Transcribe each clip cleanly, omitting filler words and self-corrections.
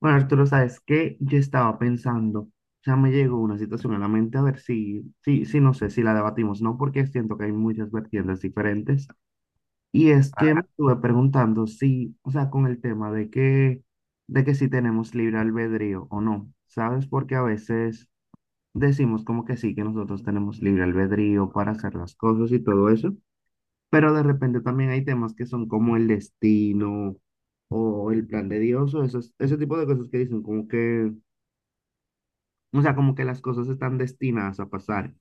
Bueno, Arturo, ¿sabes qué? Yo estaba pensando, ya me llegó una situación a la mente, a ver si no sé si la debatimos, ¿no? Porque siento que hay muchas vertientes diferentes. Y es que me Ah, estuve preguntando si, o sea, con el tema de que si tenemos libre albedrío o no, ¿sabes? Porque a veces decimos como que sí, que nosotros tenemos libre albedrío para hacer las cosas y todo eso, pero de repente también hay temas que son como el destino o el plan de Dios o ese tipo de cosas que dicen como que. O sea, como que las cosas están destinadas a pasar.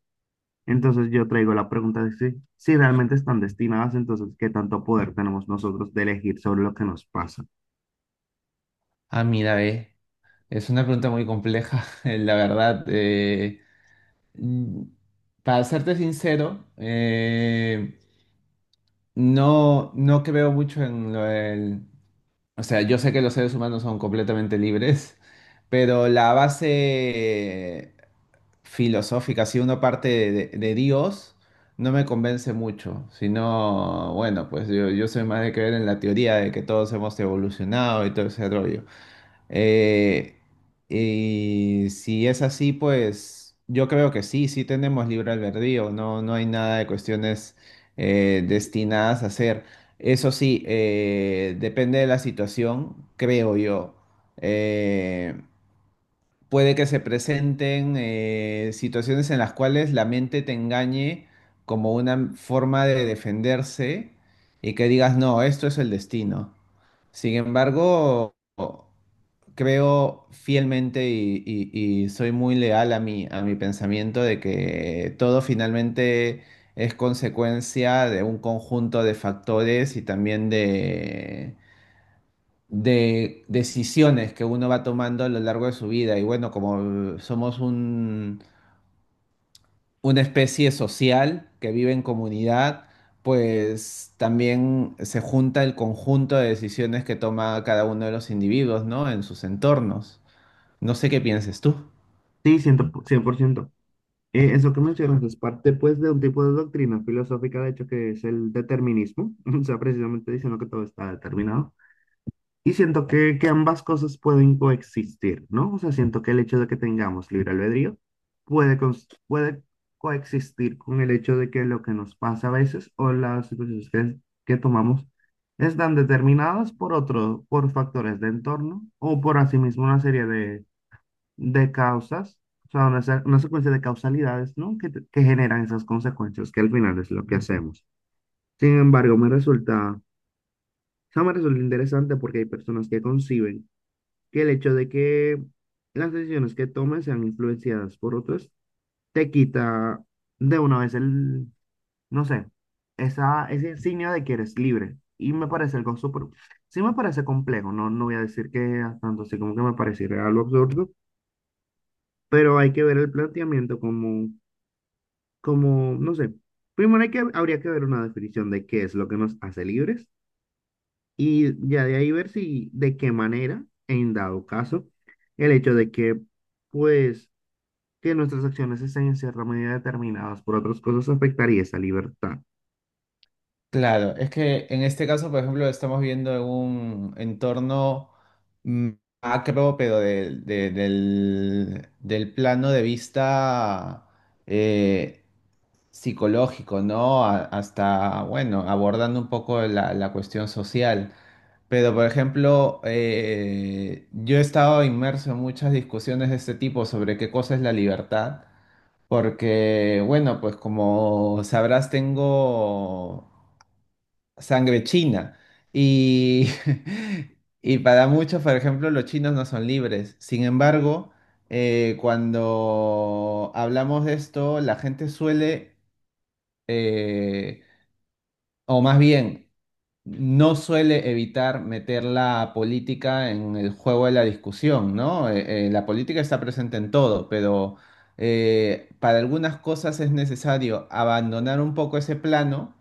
Entonces yo traigo la pregunta de si realmente están destinadas, entonces, ¿qué tanto poder tenemos nosotros de elegir sobre lo que nos pasa? Mira, ve. Es una pregunta muy compleja, la verdad. Mm, para serte sincero, no creo mucho en lo del... O sea, yo sé que los seres humanos son completamente libres, pero la base filosófica, si uno parte de, Dios, no me convence mucho, sino, bueno, pues yo soy más de creer en la teoría de que todos hemos evolucionado y todo ese rollo. Eh, y si es así, pues yo creo que sí, sí tenemos libre albedrío, no, no hay nada de cuestiones destinadas a ser. Eso sí, depende de la situación, creo yo. Eh, Puede que se presenten situaciones en las cuales la mente te engañe como una forma de defenderse y que digas, no, esto es el destino. Sin embargo creo fielmente y soy muy leal a mi pensamiento de que todo finalmente es consecuencia de un conjunto de factores y también de decisiones que uno va tomando a lo largo de su vida. Y bueno, como somos una especie social que vive en comunidad, pues también se junta el conjunto de decisiones que toma cada uno de los individuos, ¿no? En sus entornos. No sé qué pienses tú. Sí, 100%. Eso que mencionas es parte, pues, de un tipo de doctrina filosófica, de hecho, que es el determinismo. O sea, precisamente diciendo que todo está determinado. Y siento que ambas cosas pueden coexistir, ¿no? O sea, siento que el hecho de que tengamos libre albedrío puede, puede coexistir con el hecho de que lo que nos pasa a veces o las situaciones que tomamos están determinadas por otro, por factores de entorno o por asimismo una serie de causas, o sea, una, una secuencia de causalidades, ¿no? Que, que generan esas consecuencias, que al final es lo que hacemos. Sin embargo, me resulta... O sea, me resulta interesante porque hay personas que conciben que el hecho de que las decisiones que tomes sean influenciadas por otros te quita de una vez el, no sé, esa, ese insignia de que eres libre. Y me parece algo súper, sí me parece complejo, no, no voy a decir que a tanto así como que me pareciera algo absurdo, pero hay que ver el planteamiento como, como, no sé, primero hay habría que ver una definición de qué es lo que nos hace libres y ya de ahí ver si, de qué manera, en dado caso, el hecho de que, pues, que nuestras acciones estén en cierta medida determinadas por otras cosas afectaría esa libertad. Claro, es que en este caso, por ejemplo, estamos viendo un entorno mm, macro, pero del plano de vista eh, psicológico, ¿no? Hasta, bueno, abordando un poco la, la cuestión social. Pero, por ejemplo, yo he estado inmerso en muchas discusiones de este tipo sobre qué cosa es la libertad, porque, bueno, pues como sabrás, tengo sangre china. Y, y para muchos, por ejemplo, los chinos no son libres. Sin embargo, cuando hablamos de esto, la gente suele, eh, o más bien, no suele evitar meter la política en el juego de la discusión, ¿no? La política está presente en todo, pero para algunas cosas es necesario abandonar un poco ese plano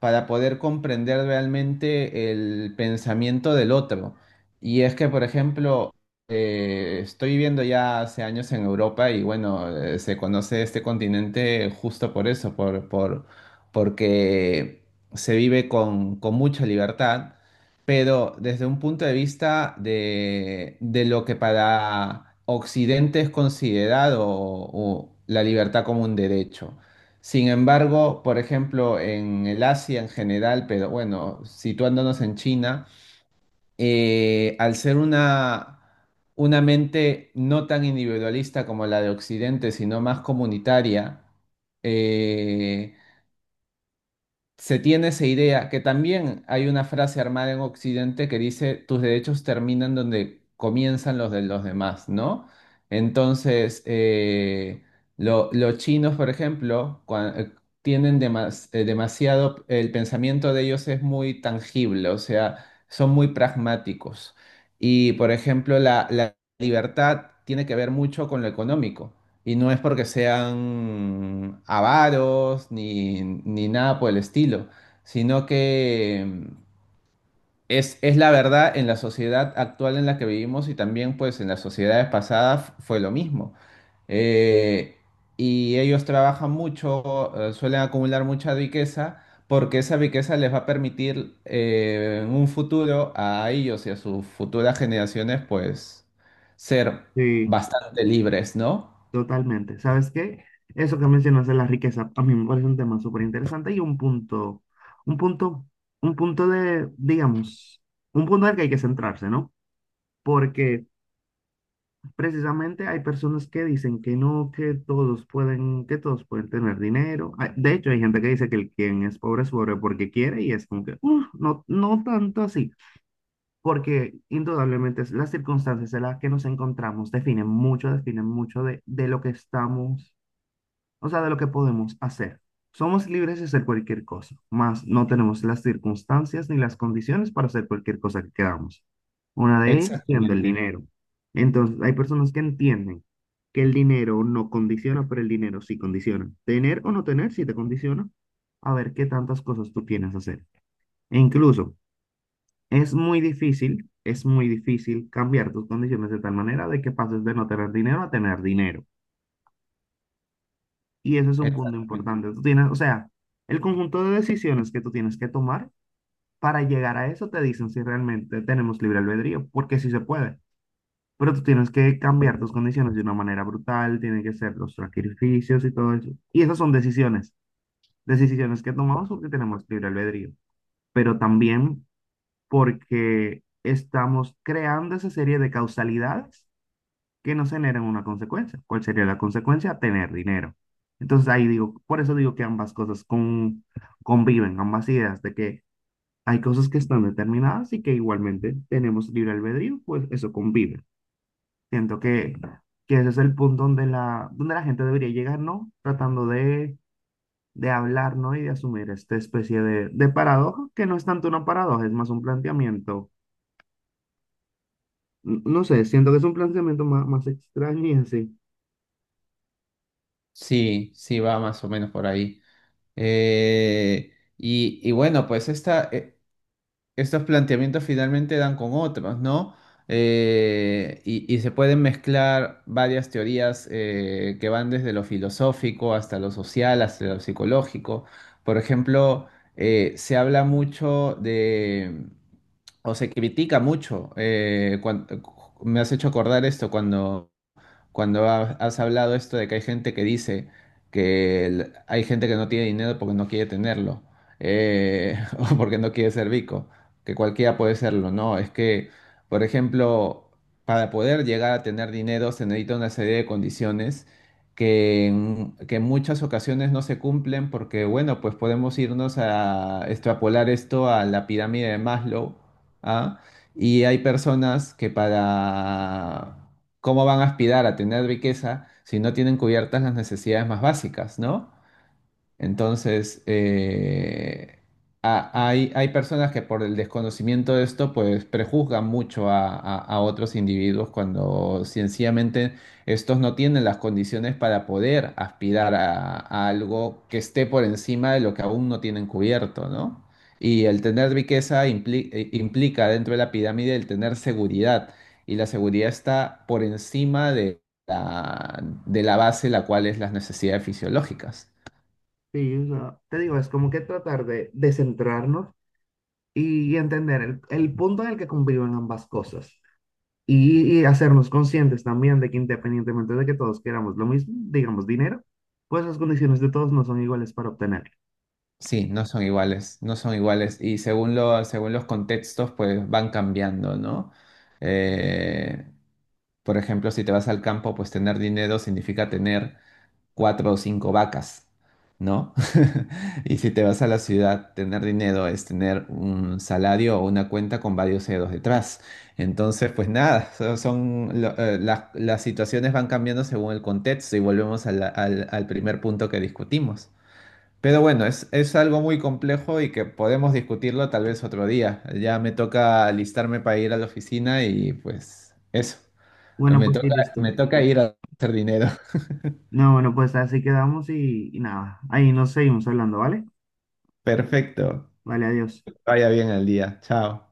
para poder comprender realmente el pensamiento del otro. Y es que, por ejemplo, estoy viviendo ya hace años en Europa y bueno, se conoce este continente justo por eso, porque se vive con mucha libertad, pero desde un punto de vista de lo que para Occidente es considerado la libertad como un derecho. Sin embargo, por ejemplo, en el Asia en general, pero bueno, situándonos en China, al ser una mente no tan individualista como la de Occidente, sino más comunitaria, eh, se tiene esa idea, que también hay una frase armada en Occidente que dice, tus derechos terminan donde comienzan los de los demás, ¿no? Entonces, los chinos, por ejemplo, tienen demasiado, el pensamiento de ellos es muy tangible, o sea, son muy pragmáticos. Y, por ejemplo, la libertad tiene que ver mucho con lo económico. Y no es porque sean avaros ni nada por el estilo, sino que es la verdad en la sociedad actual en la que vivimos y también pues en las sociedades pasadas fue lo mismo. Eh, y ellos trabajan mucho, suelen acumular mucha riqueza porque esa riqueza les va a permitir en un futuro a ellos y a sus futuras generaciones pues ser Sí, bastante libres, ¿no? totalmente. ¿Sabes qué? Eso que mencionas de la riqueza, a mí me parece un tema súper interesante y un punto, un punto de, digamos, un punto en el que hay que centrarse, ¿no? Porque precisamente hay personas que dicen que no, que todos pueden tener dinero. Ah, de hecho, hay gente que dice que el quien es pobre porque quiere y es como que, "Uf, no, no tanto así". Porque indudablemente las circunstancias en las que nos encontramos definen mucho de lo que estamos, o sea, de lo que podemos hacer. Somos libres de hacer cualquier cosa, más no tenemos las circunstancias ni las condiciones para hacer cualquier cosa que queramos. Una de ellas siendo el Exactamente. dinero. Entonces, hay personas que entienden que el dinero no condiciona, pero el dinero sí condiciona. Tener o no tener sí te condiciona a ver qué tantas cosas tú tienes que hacer. E incluso, es muy difícil cambiar tus condiciones de tal manera de que pases de no tener dinero a tener dinero. Y ese es un punto Exactamente. importante. Tú tienes, o sea, el conjunto de decisiones que tú tienes que tomar para llegar a eso te dicen si realmente tenemos libre albedrío, porque sí se puede. Pero tú tienes que cambiar tus condiciones de una manera brutal, tienen que ser los sacrificios y todo eso. Y esas son decisiones, decisiones que tomamos porque tenemos libre albedrío, pero también porque estamos creando esa serie de causalidades que no generan una consecuencia. ¿Cuál sería la consecuencia? Tener dinero. Entonces ahí digo, por eso digo que ambas cosas conviven, ambas ideas de que hay cosas que están determinadas y que igualmente tenemos libre albedrío, pues eso convive. Siento que ese es el punto donde la gente debería llegar, ¿no? Tratando de hablar, ¿no? Y de asumir esta especie de paradoja, que no es tanto una paradoja, es más un planteamiento, no sé, siento que es un planteamiento más, más extraño y así. Sí, sí, va más o menos por ahí. Y bueno, pues esta, estos planteamientos finalmente dan con otros, ¿no? Y se pueden mezclar varias teorías que van desde lo filosófico hasta lo social, hasta lo psicológico. Por ejemplo, se habla mucho de, o se critica mucho, me has hecho acordar esto cuando... cuando has hablado esto de que hay gente que dice que hay gente que no tiene dinero porque no quiere tenerlo, o porque no quiere ser rico, que cualquiera puede serlo, no, es que, por ejemplo, para poder llegar a tener dinero se necesita una serie de condiciones que en muchas ocasiones no se cumplen porque, bueno, pues podemos irnos a extrapolar esto a la pirámide de Maslow, ¿ah? Y hay personas que para ¿cómo van a aspirar a tener riqueza si no tienen cubiertas las necesidades más básicas, ¿no? Entonces, hay personas que por el desconocimiento de esto, pues prejuzgan mucho a, a otros individuos cuando sencillamente estos no tienen las condiciones para poder aspirar a algo que esté por encima de lo que aún no tienen cubierto, ¿no? Y el tener riqueza implica dentro de la pirámide el tener seguridad, y la seguridad está por encima la, de la base, la cual es las necesidades fisiológicas. Sí, o sea, te digo, es como que tratar de centrarnos y entender el punto en el que conviven ambas cosas y hacernos conscientes también de que independientemente de que todos queramos lo mismo, digamos dinero, pues las condiciones de todos no son iguales para obtenerlo. Sí, no son iguales, no son iguales. Y según lo, según los contextos, pues van cambiando, ¿no? Eh, por ejemplo, si te vas al campo, pues tener dinero significa tener cuatro o cinco vacas, ¿no? Y si te vas a la ciudad, tener dinero es tener un salario o una cuenta con varios ceros detrás. Entonces, pues nada, las situaciones van cambiando según el contexto y volvemos a al primer punto que discutimos. Pero bueno, es algo muy complejo y que podemos discutirlo tal vez otro día. Ya me toca alistarme para ir a la oficina y pues eso. Bueno, Me pues toca, sí, listo. me toca ir a hacer dinero. No, bueno, pues así quedamos y nada, ahí nos seguimos hablando, ¿vale? Perfecto. Vale, adiós. Vaya bien el día. Chao.